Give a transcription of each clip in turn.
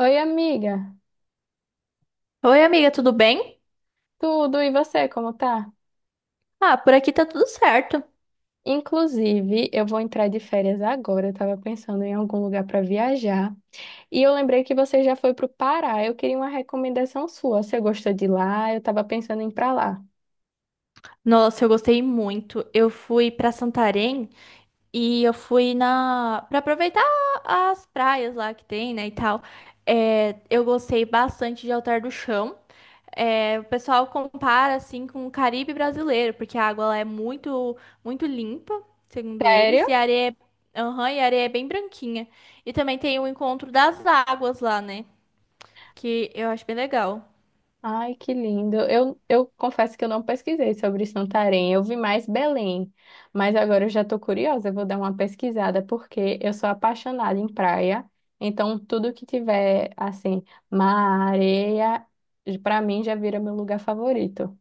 Oi, amiga. Oi, amiga, tudo bem? Tudo, e você, como tá? Ah, por aqui tá tudo certo. Inclusive, eu vou entrar de férias agora. Eu tava pensando em algum lugar pra viajar. E eu lembrei que você já foi pro Pará. Eu queria uma recomendação sua. Você gostou de lá? Eu tava pensando em ir pra lá. Nossa, eu gostei muito. Eu fui pra Santarém e eu fui na para aproveitar as praias lá que tem, né, e tal. É, eu gostei bastante de Altar do Chão. É, o pessoal compara assim com o Caribe brasileiro, porque a água lá é muito muito limpa, segundo eles, Sério? e a areia é, aham, e a areia é bem branquinha. E também tem o encontro das águas lá, né, que eu acho bem legal. Ai, que lindo. Eu confesso que eu não pesquisei sobre Santarém. Eu vi mais Belém, mas agora eu já estou curiosa. Eu vou dar uma pesquisada porque eu sou apaixonada em praia. Então, tudo que tiver assim, mar, areia, para mim já vira meu lugar favorito.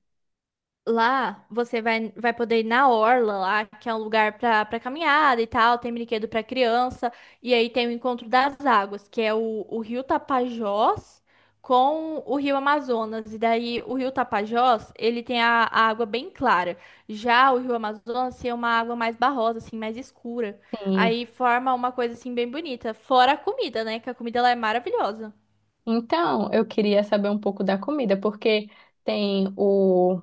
Lá você vai, vai poder ir na orla lá, que é um lugar para caminhada e tal, tem brinquedo para criança, e aí tem o encontro das águas, que é o Rio Tapajós com o Rio Amazonas. E daí o Rio Tapajós, ele tem a água bem clara. Já o Rio Amazonas tem uma água mais barrosa, assim, mais escura. Sim. Aí forma uma coisa assim bem bonita, fora a comida, né? Que a comida lá é maravilhosa. Então, eu queria saber um pouco da comida, porque tem o.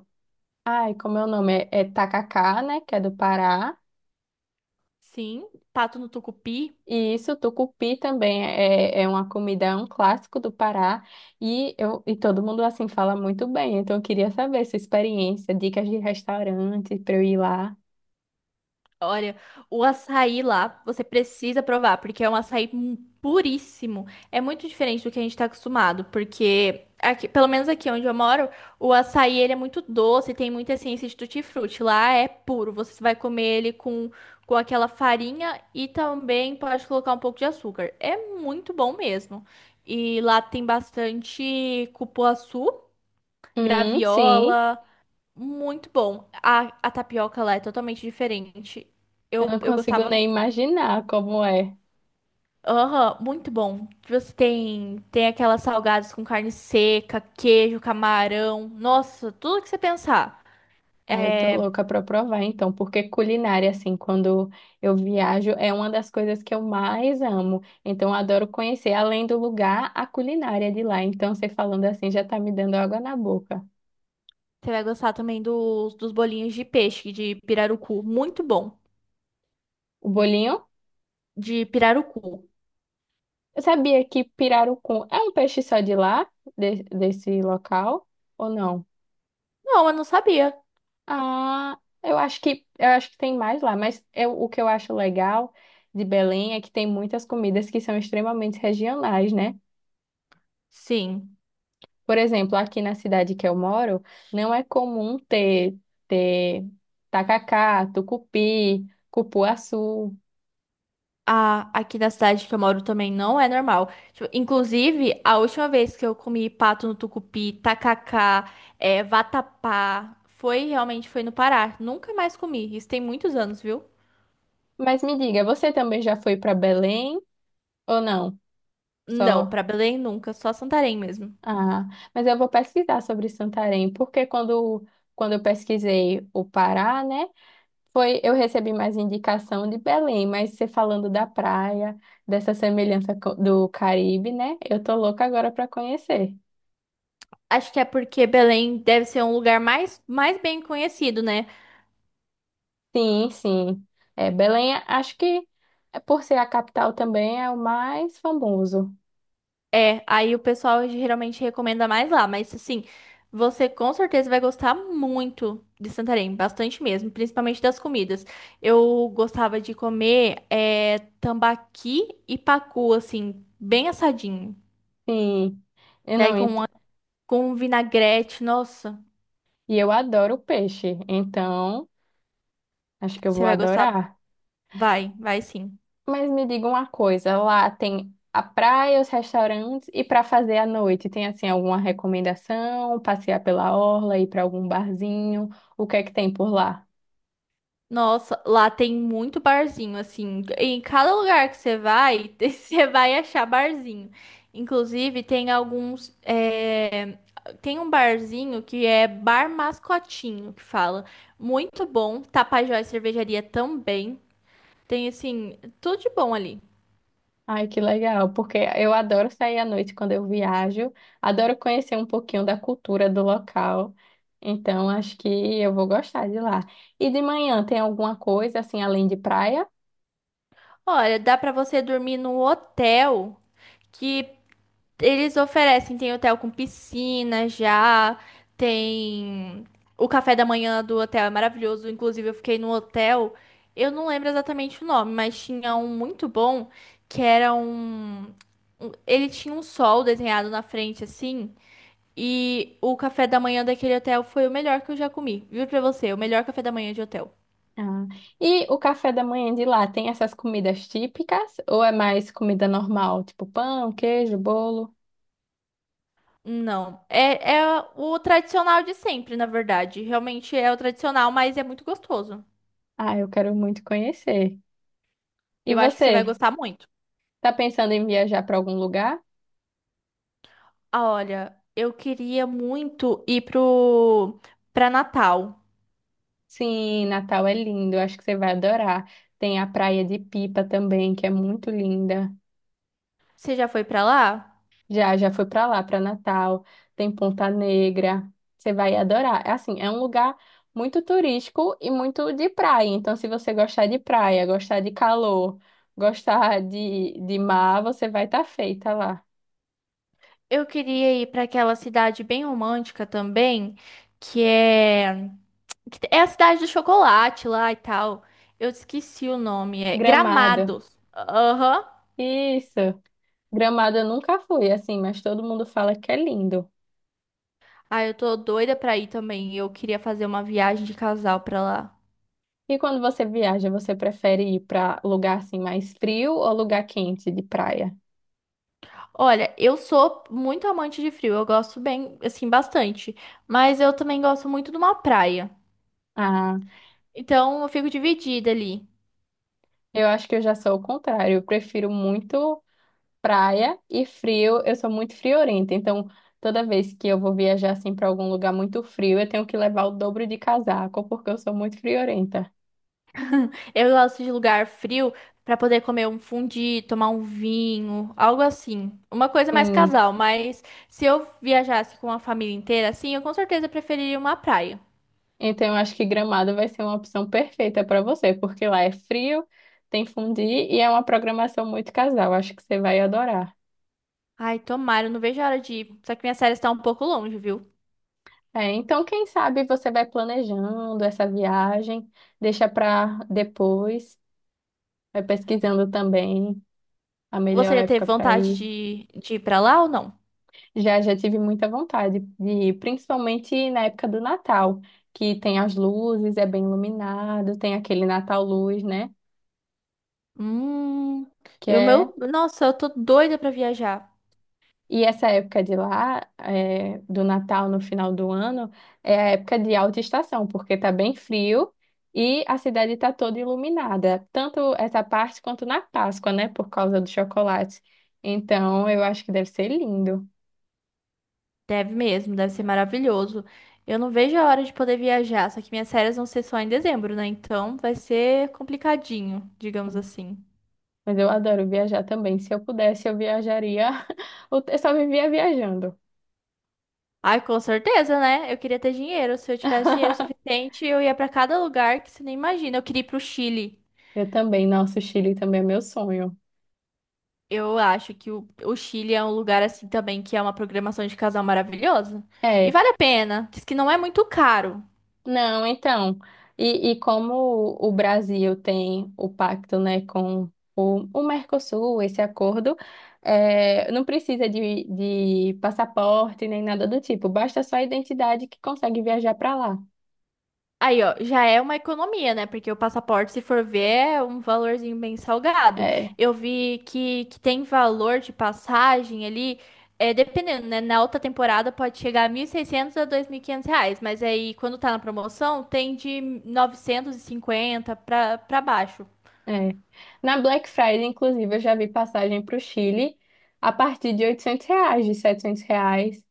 Ai, como é o nome? É, tacacá, né? Que é do Pará. Sim, pato no tucupi. E isso, tucupi também é uma comida, é um clássico do Pará e, eu, e todo mundo assim fala muito bem. Então eu queria saber sua experiência, dicas de restaurante para eu ir lá. Olha, o açaí lá, você precisa provar, porque é um açaí mu- puríssimo. É muito diferente do que a gente tá acostumado, porque aqui, pelo menos aqui onde eu moro, o açaí ele é muito doce, tem muita essência de tutti-frutti. Lá é puro, você vai comer ele com aquela farinha e também pode colocar um pouco de açúcar. É muito bom mesmo. E lá tem bastante cupuaçu, Sim, graviola. Muito bom. A tapioca lá é totalmente diferente. eu Eu, não eu consigo gostava. nem imaginar como é. Aham, muito bom. Você tem, aquelas salgadas com carne seca, queijo, camarão. Nossa, tudo que você pensar. Ah, eu tô louca pra provar então, porque culinária assim, quando eu viajo é uma das coisas que eu mais amo. Então eu adoro conhecer além do lugar, a culinária de lá. Então você falando assim já tá me dando água na boca. Você vai gostar também dos bolinhos de peixe, de pirarucu. Muito bom. O bolinho? De pirarucu. Eu sabia que pirarucu é um peixe só de lá, desse local, ou não? Não, eu não sabia. Ah, eu acho que tem mais lá, o que eu acho legal de Belém é que tem muitas comidas que são extremamente regionais, né? Sim. Por exemplo, aqui na cidade que eu moro, não é comum ter, ter tacacá, tucupi, cupuaçu. A- aqui na cidade que eu moro também não é normal. Tipo, inclusive, a última vez que eu comi pato no tucupi, tacacá, é, vatapá, foi realmente foi no Pará. Nunca mais comi. Isso tem muitos anos, viu? Mas me diga, você também já foi para Belém ou não? Não, Só. pra Belém nunca, só Santarém mesmo. Ah, mas eu vou pesquisar sobre Santarém, porque quando eu pesquisei o Pará, né, foi, eu recebi mais indicação de Belém, mas você falando da praia, dessa semelhança do Caribe, né, eu tô louca agora para conhecer. Acho que é porque Belém deve ser um lugar mais bem conhecido, né? Sim, sim. É, Belém, acho que é, por ser a capital também é o mais famoso. É, aí o pessoal geralmente recomenda mais lá, mas assim, você com certeza vai gostar muito de Santarém, bastante mesmo, principalmente das comidas. Eu gostava de comer é, tambaqui e pacu, assim, bem assadinho. Sim, eu Daí não, com, uma- com um vinagrete, nossa, e eu adoro peixe, então acho que eu você vou vai gostar. adorar. Vai, vai sim. Mas me diga uma coisa, lá tem a praia, os restaurantes e para fazer à noite, tem assim alguma recomendação? Passear pela orla, ir para algum barzinho? O que é que tem por lá? Nossa, lá tem muito barzinho, assim. Em cada lugar que você vai, você vai achar barzinho. Inclusive, tem alguns. Tem um barzinho que é Bar Mascotinho, que fala. Muito bom. Tapajós Cervejaria também. Tem, assim, tudo de bom ali. Ai, que legal, porque eu adoro sair à noite quando eu viajo, adoro conhecer um pouquinho da cultura do local. Então, acho que eu vou gostar de lá. E de manhã tem alguma coisa assim além de praia? Olha, dá pra você dormir num hotel que eles oferecem, tem hotel com piscina já, tem o café da manhã do hotel é maravilhoso. Inclusive, eu fiquei num hotel, eu não lembro exatamente o nome, mas tinha um muito bom que era um. Ele tinha um sol desenhado na frente assim. E o café da manhã daquele hotel foi o melhor que eu já comi. Viu pra você, o melhor café da manhã de hotel. Ah. E o café da manhã de lá tem essas comidas típicas ou é mais comida normal, tipo pão, queijo, bolo? Não, é, é o tradicional de sempre, na verdade. Realmente é o tradicional, mas é muito gostoso. Ah, eu quero muito conhecer. E Eu acho que você vai você, gostar muito. tá pensando em viajar para algum lugar? Olha, eu queria muito ir pro para Natal. Sim, Natal é lindo, eu acho que você vai adorar. Tem a Praia de Pipa também, que é muito linda. Você já foi pra lá? Já, já foi para lá, para Natal. Tem Ponta Negra. Você vai adorar. É assim, é um lugar muito turístico e muito de praia. Então, se você gostar de praia, gostar de calor, gostar de mar, você vai estar feita lá. Eu queria ir pra aquela cidade bem romântica também, que é que é a cidade do chocolate lá e tal. Eu esqueci o nome, é Gramado. Gramados. Aham. Isso. Gramado eu nunca fui, assim, mas todo mundo fala que é lindo. Ah, eu tô doida pra ir também. Eu queria fazer uma viagem de casal pra lá. E quando você viaja, você prefere ir para lugar assim mais frio ou lugar quente de praia? Olha, eu sou muito amante de frio. Eu gosto bem, assim, bastante. Mas eu também gosto muito de uma praia. Ah, Então eu fico dividida ali. eu acho que eu já sou o contrário. Eu prefiro muito. Praia e frio, eu sou muito friorenta, então toda vez que eu vou viajar assim para algum lugar muito frio, eu tenho que levar o dobro de casaco, porque eu sou muito friorenta. Eu gosto de lugar frio pra poder comer um fundi, tomar um vinho, algo assim. Uma coisa mais Sim. casal, mas se eu viajasse com a família inteira, assim, eu com certeza preferiria uma praia. Então eu acho que Gramado vai ser uma opção perfeita para você, porque lá é frio, tem fundi e é uma programação muito casal, acho que você vai adorar. Ai, tomara, eu não vejo a hora de ir. Só que minha série está um pouco longe, viu? É, então quem sabe você vai planejando essa viagem, deixa para depois, vai pesquisando também a melhor Você já teve época para vontade ir. de ir pra lá ou não? Já, já tive muita vontade de ir, principalmente na época do Natal, que tem as luzes, é bem iluminado, tem aquele Natal Luz, né? Hum, Que eu é... meu, nossa, eu tô doida pra viajar. E essa época de lá, é, do Natal no final do ano, é a época de alta estação, porque tá bem frio e a cidade tá toda iluminada, tanto essa parte quanto na Páscoa, né? Por causa do chocolate. Então, eu acho que deve ser lindo. Deve mesmo, deve ser maravilhoso. Eu não vejo a hora de poder viajar, só que minhas férias vão ser só em dezembro, né? Então vai ser complicadinho, digamos assim. Mas eu adoro viajar também. Se eu pudesse, eu viajaria. Eu só vivia viajando. Ai, com certeza, né? Eu queria ter dinheiro. Se eu tivesse dinheiro suficiente, eu ia pra cada lugar que você nem imagina. Eu queria ir pro Chile. Eu também, nossa, o Chile também é meu sonho. Eu acho que o, Chile é um lugar assim também que é uma programação de casal maravilhosa. E É, vale a pena. Diz que não é muito caro. não, então, e como o Brasil tem o pacto, né, com o Mercosul, esse acordo, é, não precisa de passaporte nem nada do tipo, basta só a identidade que consegue viajar para lá. Aí, ó, já é uma economia, né? Porque o passaporte, se for ver, é um valorzinho bem salgado. É. Eu vi que, tem valor de passagem ali, é, dependendo, né? Na alta temporada pode chegar a 1.600 a R$ 2.500, mas aí quando tá na promoção tem de 950 pra, baixo. É. Na Black Friday, inclusive, eu já vi passagem para o Chile a partir de R$ 800, de 700 reais.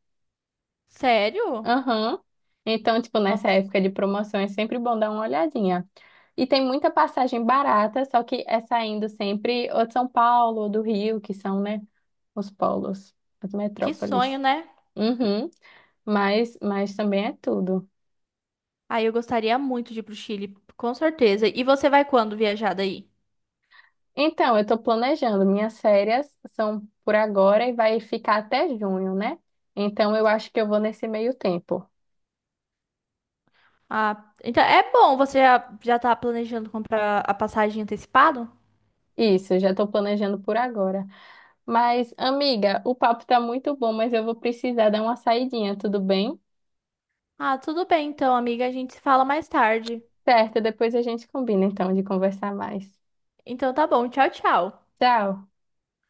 Sério? Aham. Então, tipo, nessa Nossa, época de promoção é sempre bom dar uma olhadinha. E tem muita passagem barata, só que é saindo sempre ou de São Paulo ou do Rio, que são, né, os polos, as que sonho, metrópoles. né? Uhum. Mas também é tudo. Aí eu gostaria muito de ir pro Chile, com certeza. E você vai quando viajar daí? Então, eu estou planejando. Minhas férias são por agora e vai ficar até junho, né? Então, eu acho que eu vou nesse meio tempo. Ah, então é bom, você já, tá planejando comprar a passagem antecipado? Isso, eu já estou planejando por agora. Mas, amiga, o papo está muito bom, mas eu vou precisar dar uma saidinha, tudo bem? Ah, tudo bem então, amiga, a gente se fala mais tarde. Certo, depois a gente combina então de conversar mais. Então tá bom, tchau, tchau. Tchau.